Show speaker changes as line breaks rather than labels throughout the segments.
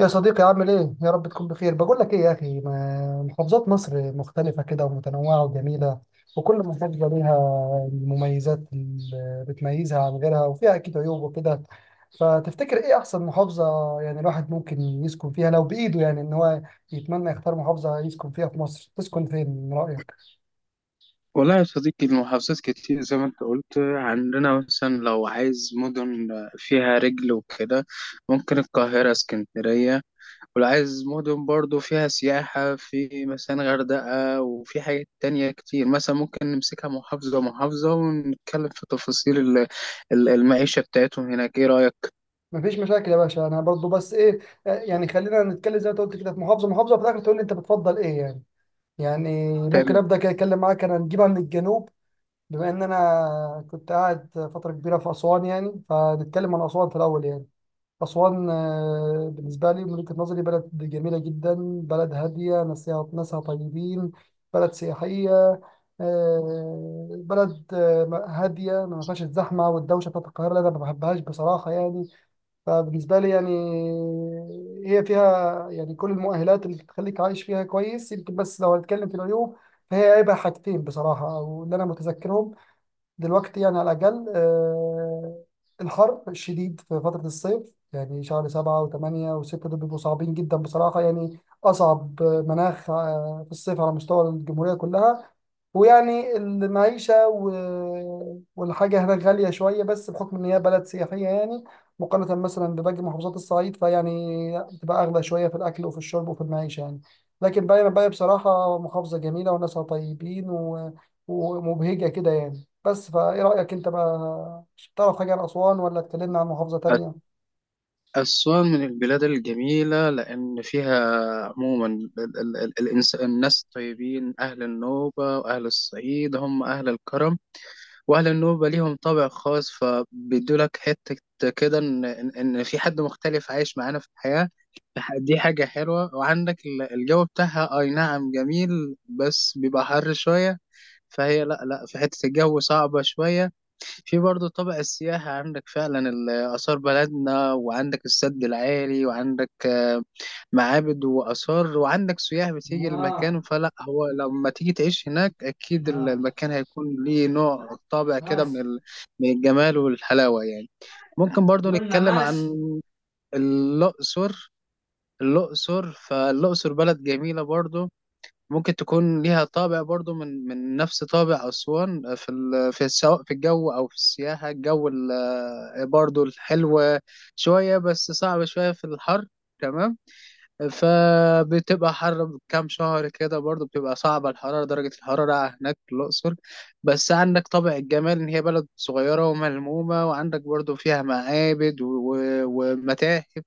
يا صديقي عامل ايه؟ يا رب تكون بخير، بقول لك ايه يا اخي محافظات مصر مختلفة كده ومتنوعة وجميلة. وكل محافظة ليها المميزات اللي بتميزها عن غيرها وفيها اكيد عيوب وكده. فتفتكر ايه احسن محافظة يعني الواحد ممكن يسكن فيها لو بايده يعني ان هو يتمنى يختار محافظة يسكن فيها في مصر، تسكن فين من رأيك؟
والله يا صديقي، المحافظات كتير زي ما انت قلت. عندنا مثلا لو عايز مدن فيها رجل وكده، ممكن القاهرة، اسكندرية. ولو عايز مدن برضو فيها سياحة، في مثلا غردقة، وفي حاجات تانية كتير. مثلا ممكن نمسكها محافظة محافظة ونتكلم في تفاصيل المعيشة بتاعتهم هناك. ايه رأيك؟
مفيش مشاكل يا باشا انا برضو بس ايه يعني خلينا نتكلم زي ما أنت قلت كده في محافظة محافظة في الاخر تقول لي انت بتفضل ايه يعني؟ يعني ممكن
تمام.
ابدا كده اتكلم معاك انا نجيبها من الجنوب. بما ان انا كنت قاعد فتره كبيره في اسوان يعني فنتكلم عن اسوان في الاول يعني. اسوان. بالنسبه لي من وجهه نظري بلد جميله جدا. بلد هاديه ناسها ناسها طيبين. بلد سياحيه. بلد هاديه ما فيهاش الزحمه والدوشه بتاعت القاهره اللي انا ما بحبهاش بصراحه يعني. فبالنسبه لي يعني هي فيها يعني كل المؤهلات اللي تخليك عايش فيها كويس يمكن، بس لو هنتكلم في العيوب فهي عيبها حاجتين بصراحه او اللي انا متذكرهم دلوقتي يعني على الأقل، الحر الشديد في فترة الصيف، يعني شهر 7 و8 و6 دول بيبقوا صعبين جدا بصراحة يعني. أصعب مناخ في الصيف على مستوى الجمهورية كلها. ويعني المعيشة والحاجة هناك غالية شوية بس بحكم إن هي بلد سياحية يعني، مقارنة مثلا بباقي محافظات الصعيد فيعني بتبقى أغلى شوية في الأكل وفي الشرب وفي المعيشة يعني. لكن باقي بصراحة محافظة جميلة وناسها طيبين ومبهجة كده يعني. بس فإيه رأيك أنت بقى، تعرف حاجة عن أسوان ولا اتكلمنا عن محافظة تانية؟
أسوان من البلاد الجميلة، لأن فيها عموما ال ال ال الإنس الناس طيبين. أهل النوبة وأهل الصعيد هم أهل الكرم، وأهل النوبة ليهم طابع خاص، فبيدولك حتة كده إن في حد مختلف عايش معانا في الحياة. دي حاجة حلوة. وعندك الجو بتاعها، أي نعم جميل، بس بيبقى حر شوية. فهي لا لا، في حتة الجو صعبة شوية. في برضه طابع السياحة، عندك فعلا آثار بلدنا، وعندك السد العالي، وعندك معابد وآثار، وعندك سياح بتيجي
آه،
المكان. فلا هو لما تيجي تعيش هناك أكيد
ماشي.
المكان هيكون ليه نوع طابع كده من
ماشي.
ال- من الجمال والحلاوة يعني. ممكن برضه
قلنا
نتكلم عن
ماشي.
الأقصر. الأقصر، فالأقصر بلد جميلة برضه. ممكن تكون ليها طابع برضو من نفس طابع أسوان. في سواء في الجو أو في السياحة، الجو ال... آه، برضو الحلو شوية، بس صعب شوية في الحر. تمام. فبتبقى حر كام شهر كده برضو، بتبقى صعبة درجة الحرارة هناك في الأقصر. بس عندك طابع الجمال إن هي بلد صغيرة وملمومة، وعندك برضو فيها معابد و- ومتاحف.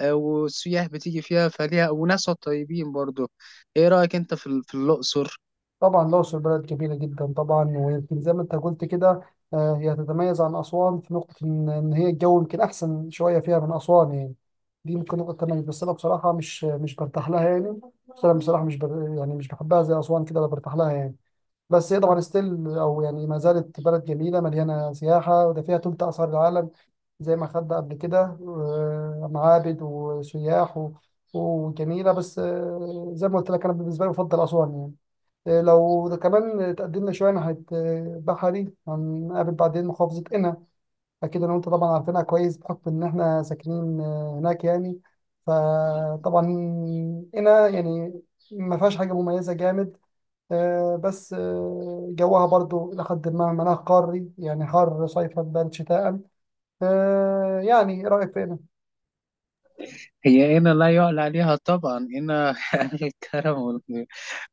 والسياح بتيجي فيها فليها، وناسها طيبين برضو. ايه رأيك انت في في الأقصر؟
طبعا الأقصر بلد كبيرة جدا طبعا، ويمكن زي ما أنت قلت كده، هي تتميز عن أسوان في نقطة إن هي الجو يمكن أحسن شوية فيها من أسوان يعني. دي ممكن نقطة تميز، بس أنا بصراحة مش برتاح لها يعني. بس أنا بصراحة مش يعني مش بحبها زي أسوان كده ولا برتاح لها يعني. بس هي طبعا ستيل أو يعني ما زالت بلد جميلة مليانة سياحة، وده فيها تلت آثار العالم زي ما خدنا قبل كده، معابد وسياح وجميلة. بس زي ما قلت لك أنا بالنسبة لي بفضل أسوان يعني. لو ده كمان تقدمنا شوية ناحية بحري هنقابل بعدين محافظة قنا. أكيد أنا وأنت طبعا عارفينها كويس بحكم إن إحنا ساكنين هناك يعني. فطبعا قنا يعني ما فيهاش حاجة مميزة جامد، بس جوها برضو إلى حد ما مناخ قاري يعني حر صيفا بارد شتاء. يعني إيه رأيك في
هي هنا لا يعلى عليها طبعا هنا أهل الكرم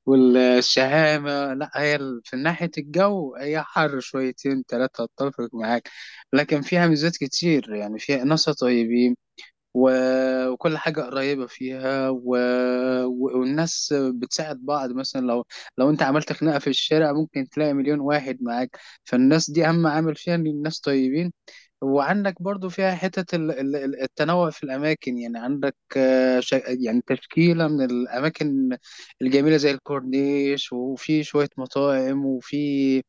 والشهامة. لا، هي في ناحية الجو هي حر شويتين تلاتة، اتفق معاك. لكن فيها ميزات كتير، يعني فيها ناسها طيبين وكل حاجة قريبة فيها والناس بتساعد بعض، مثلا لو انت عملت خناقة في الشارع ممكن تلاقي مليون واحد معاك. فالناس دي أهم عامل فيها إن الناس طيبين. وعندك برضو فيها حتة التنوع في الأماكن، يعني عندك يعني تشكيلة من الأماكن الجميلة، زي الكورنيش، وفي شوية مطاعم، وفي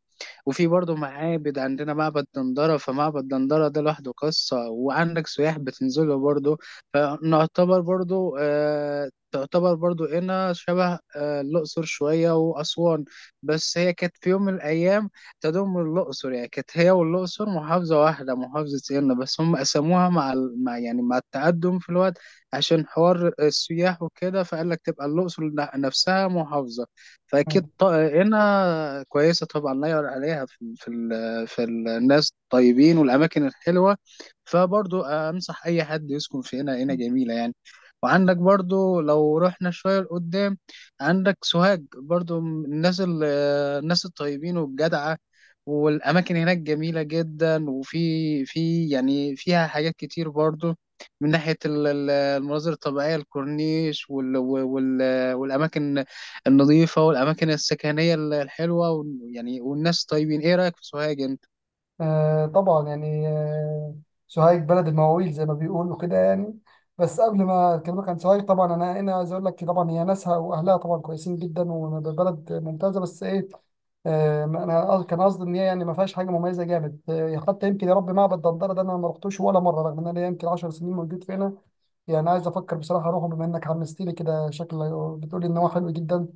وفي برضه معابد. عندنا معبد دندرة، فمعبد دندرة ده لوحده قصة، وعندك سياح بتنزله برضه. فنعتبر برضه آه تعتبر برضو هنا شبه الأقصر شوية وأسوان. بس هي كانت في يوم من الأيام تضم الأقصر، يعني كانت هي والأقصر محافظة واحدة، محافظة هنا، بس هم قسموها مع يعني التقدم في الوقت، عشان حوار السياح وكده، فقال لك تبقى الأقصر نفسها محافظة.
قنا؟
فاكيد هنا كويسه طبعا، لا يعلى عليها في في الناس الطيبين والاماكن الحلوه. فبرضو انصح اي حد يسكن في هنا. هنا جميله يعني. وعندك برضو لو رحنا شويه لقدام، عندك سوهاج برضو من الناس الطيبين والجدعه. والأماكن هناك جميلة جدا، وفي يعني فيها حاجات كتير برضو من ناحية المناظر الطبيعية، الكورنيش والأماكن النظيفة، والأماكن السكنية الحلوة يعني والناس طيبين. إيه رأيك في سوهاج أنت؟
آه طبعا يعني. سوهاج بلد المواويل زي ما بيقولوا كده يعني. بس قبل ما اكلمك عن سوهاج طبعا انا هنا عايز اقول لك طبعا هي ناسها واهلها طبعا كويسين جدا وبلد ممتازه بس ايه. انا كان قصدي ان هي يعني ما فيهاش حاجه مميزه جامد، حتى يمكن يا رب معبد دندره ده انا ما رحتوش ولا مره، رغم ان انا يمكن 10 سنين موجود فينا. يعني عايز افكر بصراحه اروحه بما انك حمست لي كده شكل، بتقولي ان هو حلو جدا.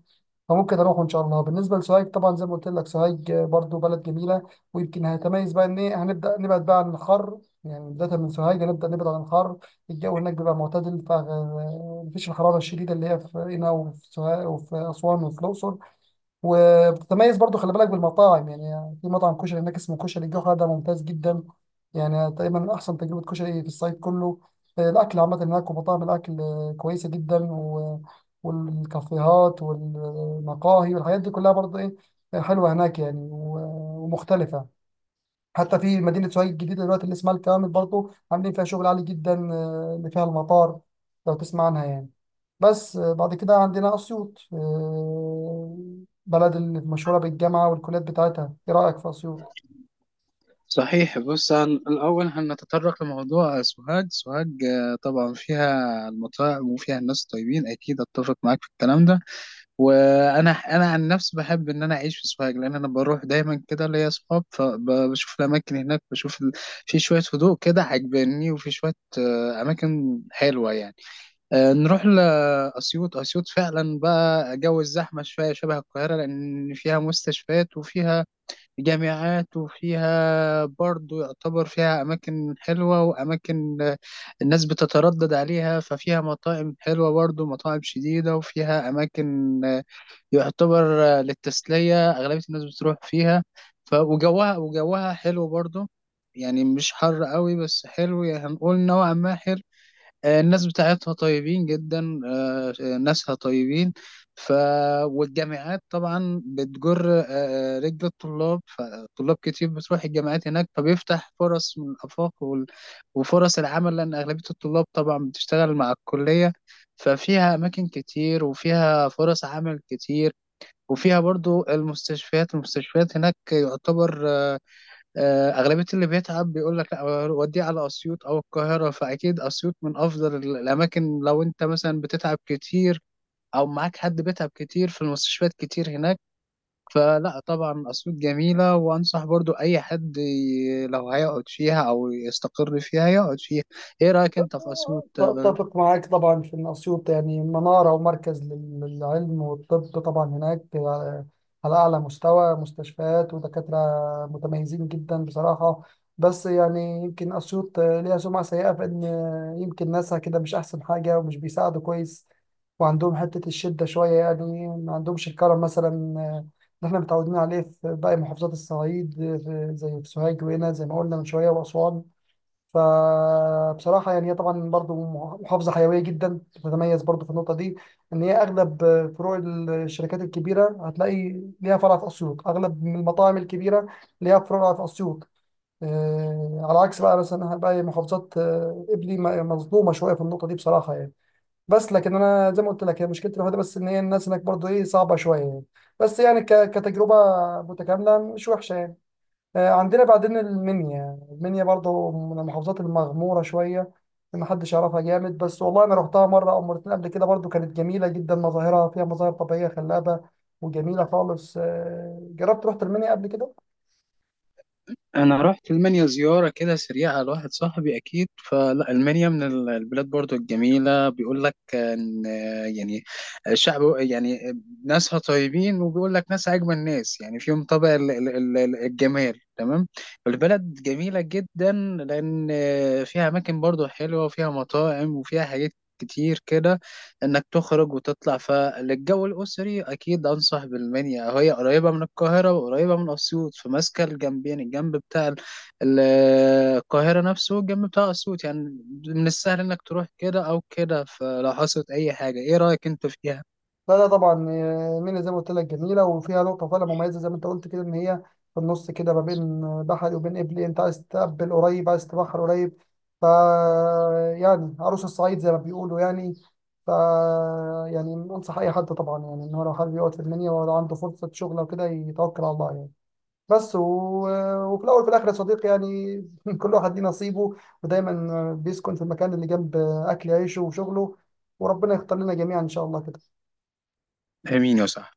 فممكن اروحه ان شاء الله. بالنسبه لسوهاج طبعا زي ما قلت لك سوهاج برضو بلد جميله، ويمكن هتميز بقى ان ايه هنبدا نبعد بقى عن الحر. يعني بدايه من سوهاج هنبدا نبعد عن الحر. الجو هناك بيبقى معتدل، فمفيش الحراره الشديده اللي هي في هنا وفي سوهاج وفي اسوان وفي الاقصر. وبتتميز برضو، خلي بالك بالمطاعم، يعني في مطعم كشري هناك اسمه كشري الجوهرة ده ممتاز جدا. يعني تقريبا من أحسن تجربة كشري في الصعيد كله. الأكل عامة هناك، ومطاعم الأكل كويسة جدا، والكافيهات والمقاهي والحاجات دي كلها برضو إيه حلوة هناك يعني ومختلفة. حتى في مدينة سوهاج الجديدة دلوقتي اللي اسمها الكامل برضو عاملين فيها شغل عالي جدا، اللي فيها المطار لو تسمع عنها يعني. بس بعد كده عندنا أسيوط، بلد المشهورة بالجامعة والكليات بتاعتها. إيه رأيك في أسيوط؟
صحيح، بص، الأول هنتطرق لموضوع سوهاج. سوهاج طبعا فيها المطاعم وفيها الناس طيبين، أكيد أتفق معاك في الكلام ده. وانا عن نفسي بحب ان انا اعيش في سوهاج، لان انا بروح دايما كده ليا اصحاب، فبشوف الاماكن هناك، في شويه هدوء كده عجباني، وفي شويه اماكن حلوه يعني. نروح لاسيوط. اسيوط فعلا بقى جو الزحمه شويه شبه القاهره، لان فيها مستشفيات وفيها جامعات، وفيها برضو يعتبر فيها اماكن حلوه، واماكن الناس بتتردد عليها، ففيها مطاعم حلوه برضو، مطاعم شديده، وفيها اماكن يعتبر للتسلية أغلبية الناس بتروح فيها. وجوها حلو برضه، يعني مش حر قوي بس حلو، يعني هنقول نوعا ما حلو. الناس بتاعتها طيبين جدا، ناسها طيبين. ف والجامعات طبعا بتجر رجل الطلاب، فطلاب كتير بتروح الجامعات هناك، فبيفتح فرص من الآفاق وفرص العمل، لأن أغلبية الطلاب طبعا بتشتغل مع الكلية. ففيها أماكن كتير، وفيها فرص عمل كتير، وفيها برضو المستشفيات. هناك يعتبر أغلبية اللي بيتعب بيقول لك لا، وديه على أسيوط أو القاهرة. فأكيد أسيوط من أفضل الأماكن، لو أنت مثلا بتتعب كتير أو معاك حد بيتعب كتير، في المستشفيات كتير هناك. فلا طبعا أسيوط جميلة، وأنصح برضو أي حد لو هيقعد فيها أو يستقر فيها يقعد فيها. إيه رأيك أنت في أسيوط؟
أتفق معاك طبعا في إن أسيوط يعني منارة ومركز للعلم والطب، طبعا هناك على أعلى مستوى مستشفيات ودكاترة متميزين جدا بصراحة. بس يعني يمكن أسيوط ليها سمعة سيئة في إن يمكن ناسها كده مش أحسن حاجة ومش بيساعدوا كويس وعندهم حتة الشدة شوية يعني، ما عندهمش الكرم مثلا، آه، اللي إحنا متعودين عليه في باقي محافظات الصعيد، زي في سوهاج وهنا زي ما قلنا من شوية وأسوان. فبصراحة يعني هي طبعا برضو محافظة حيوية جدا، بتتميز برضو في النقطة دي إن هي أغلب فروع الشركات الكبيرة هتلاقي ليها فرع في أسيوط، أغلب من المطاعم الكبيرة ليها فروع في أسيوط. على عكس بقى مثلا باقي محافظات قبلي مظلومة شوية في النقطة دي بصراحة يعني. بس لكن أنا زي ما قلت لك هي مشكلتي الوحيدة بس إن هي الناس هناك برضو إيه صعبة شوية يعني. بس يعني كتجربة متكاملة مش وحشة يعني. عندنا بعدين المنيا. المنيا برضه من المحافظات المغمورة شوية، ما حدش يعرفها جامد، بس والله أنا روحتها مرة أو مرتين قبل كده برضه كانت جميلة جدا. مظاهرها فيها مظاهر طبيعية خلابة وجميلة خالص. جربت رحت المنيا قبل كده.
انا رحت المانيا زياره كده سريعه لواحد صاحبي اكيد. فلا المانيا من البلاد برضو الجميله، بيقول لك ان يعني الشعب يعني ناسها طيبين، وبيقول لك ناس اجمل ناس يعني. فيهم طبع الجمال، تمام. البلد جميله جدا، لان فيها اماكن برضو حلوه، وفيها مطاعم، وفيها حاجات كتير كده انك تخرج وتطلع. فللجو الاسري اكيد انصح بالمنيا، هي قريبه من القاهره وقريبه من اسيوط، فماسكه الجنبين، الجنب بتاع ال- القاهره نفسه، والجنب بتاع اسيوط يعني، من السهل انك تروح كده او كده فلو حصلت اي حاجه. ايه رايك انت فيها؟
لا لا طبعا، مينا زي ما قلت لك جميله وفيها نقطه فعلا مميزه زي ما انت قلت كده، ان هي في النص كده ما بين بحري وبين قبلي، انت عايز تقبل قريب عايز تبحر قريب. ف يعني عروس الصعيد زي ما بيقولوا يعني. ف يعني انصح اي حد طبعا يعني ان هو لو حابب يقعد في المنيا ولو عنده فرصه شغل او كده يتوكل على الله يعني. بس وفي الاول وفي الاخر يا صديقي يعني كل واحد ليه نصيبه، ودايما بيسكن في المكان اللي جنب اكل عيشه وشغله، وربنا يختار لنا جميعا ان شاء الله كده.
امين يا صاحبي.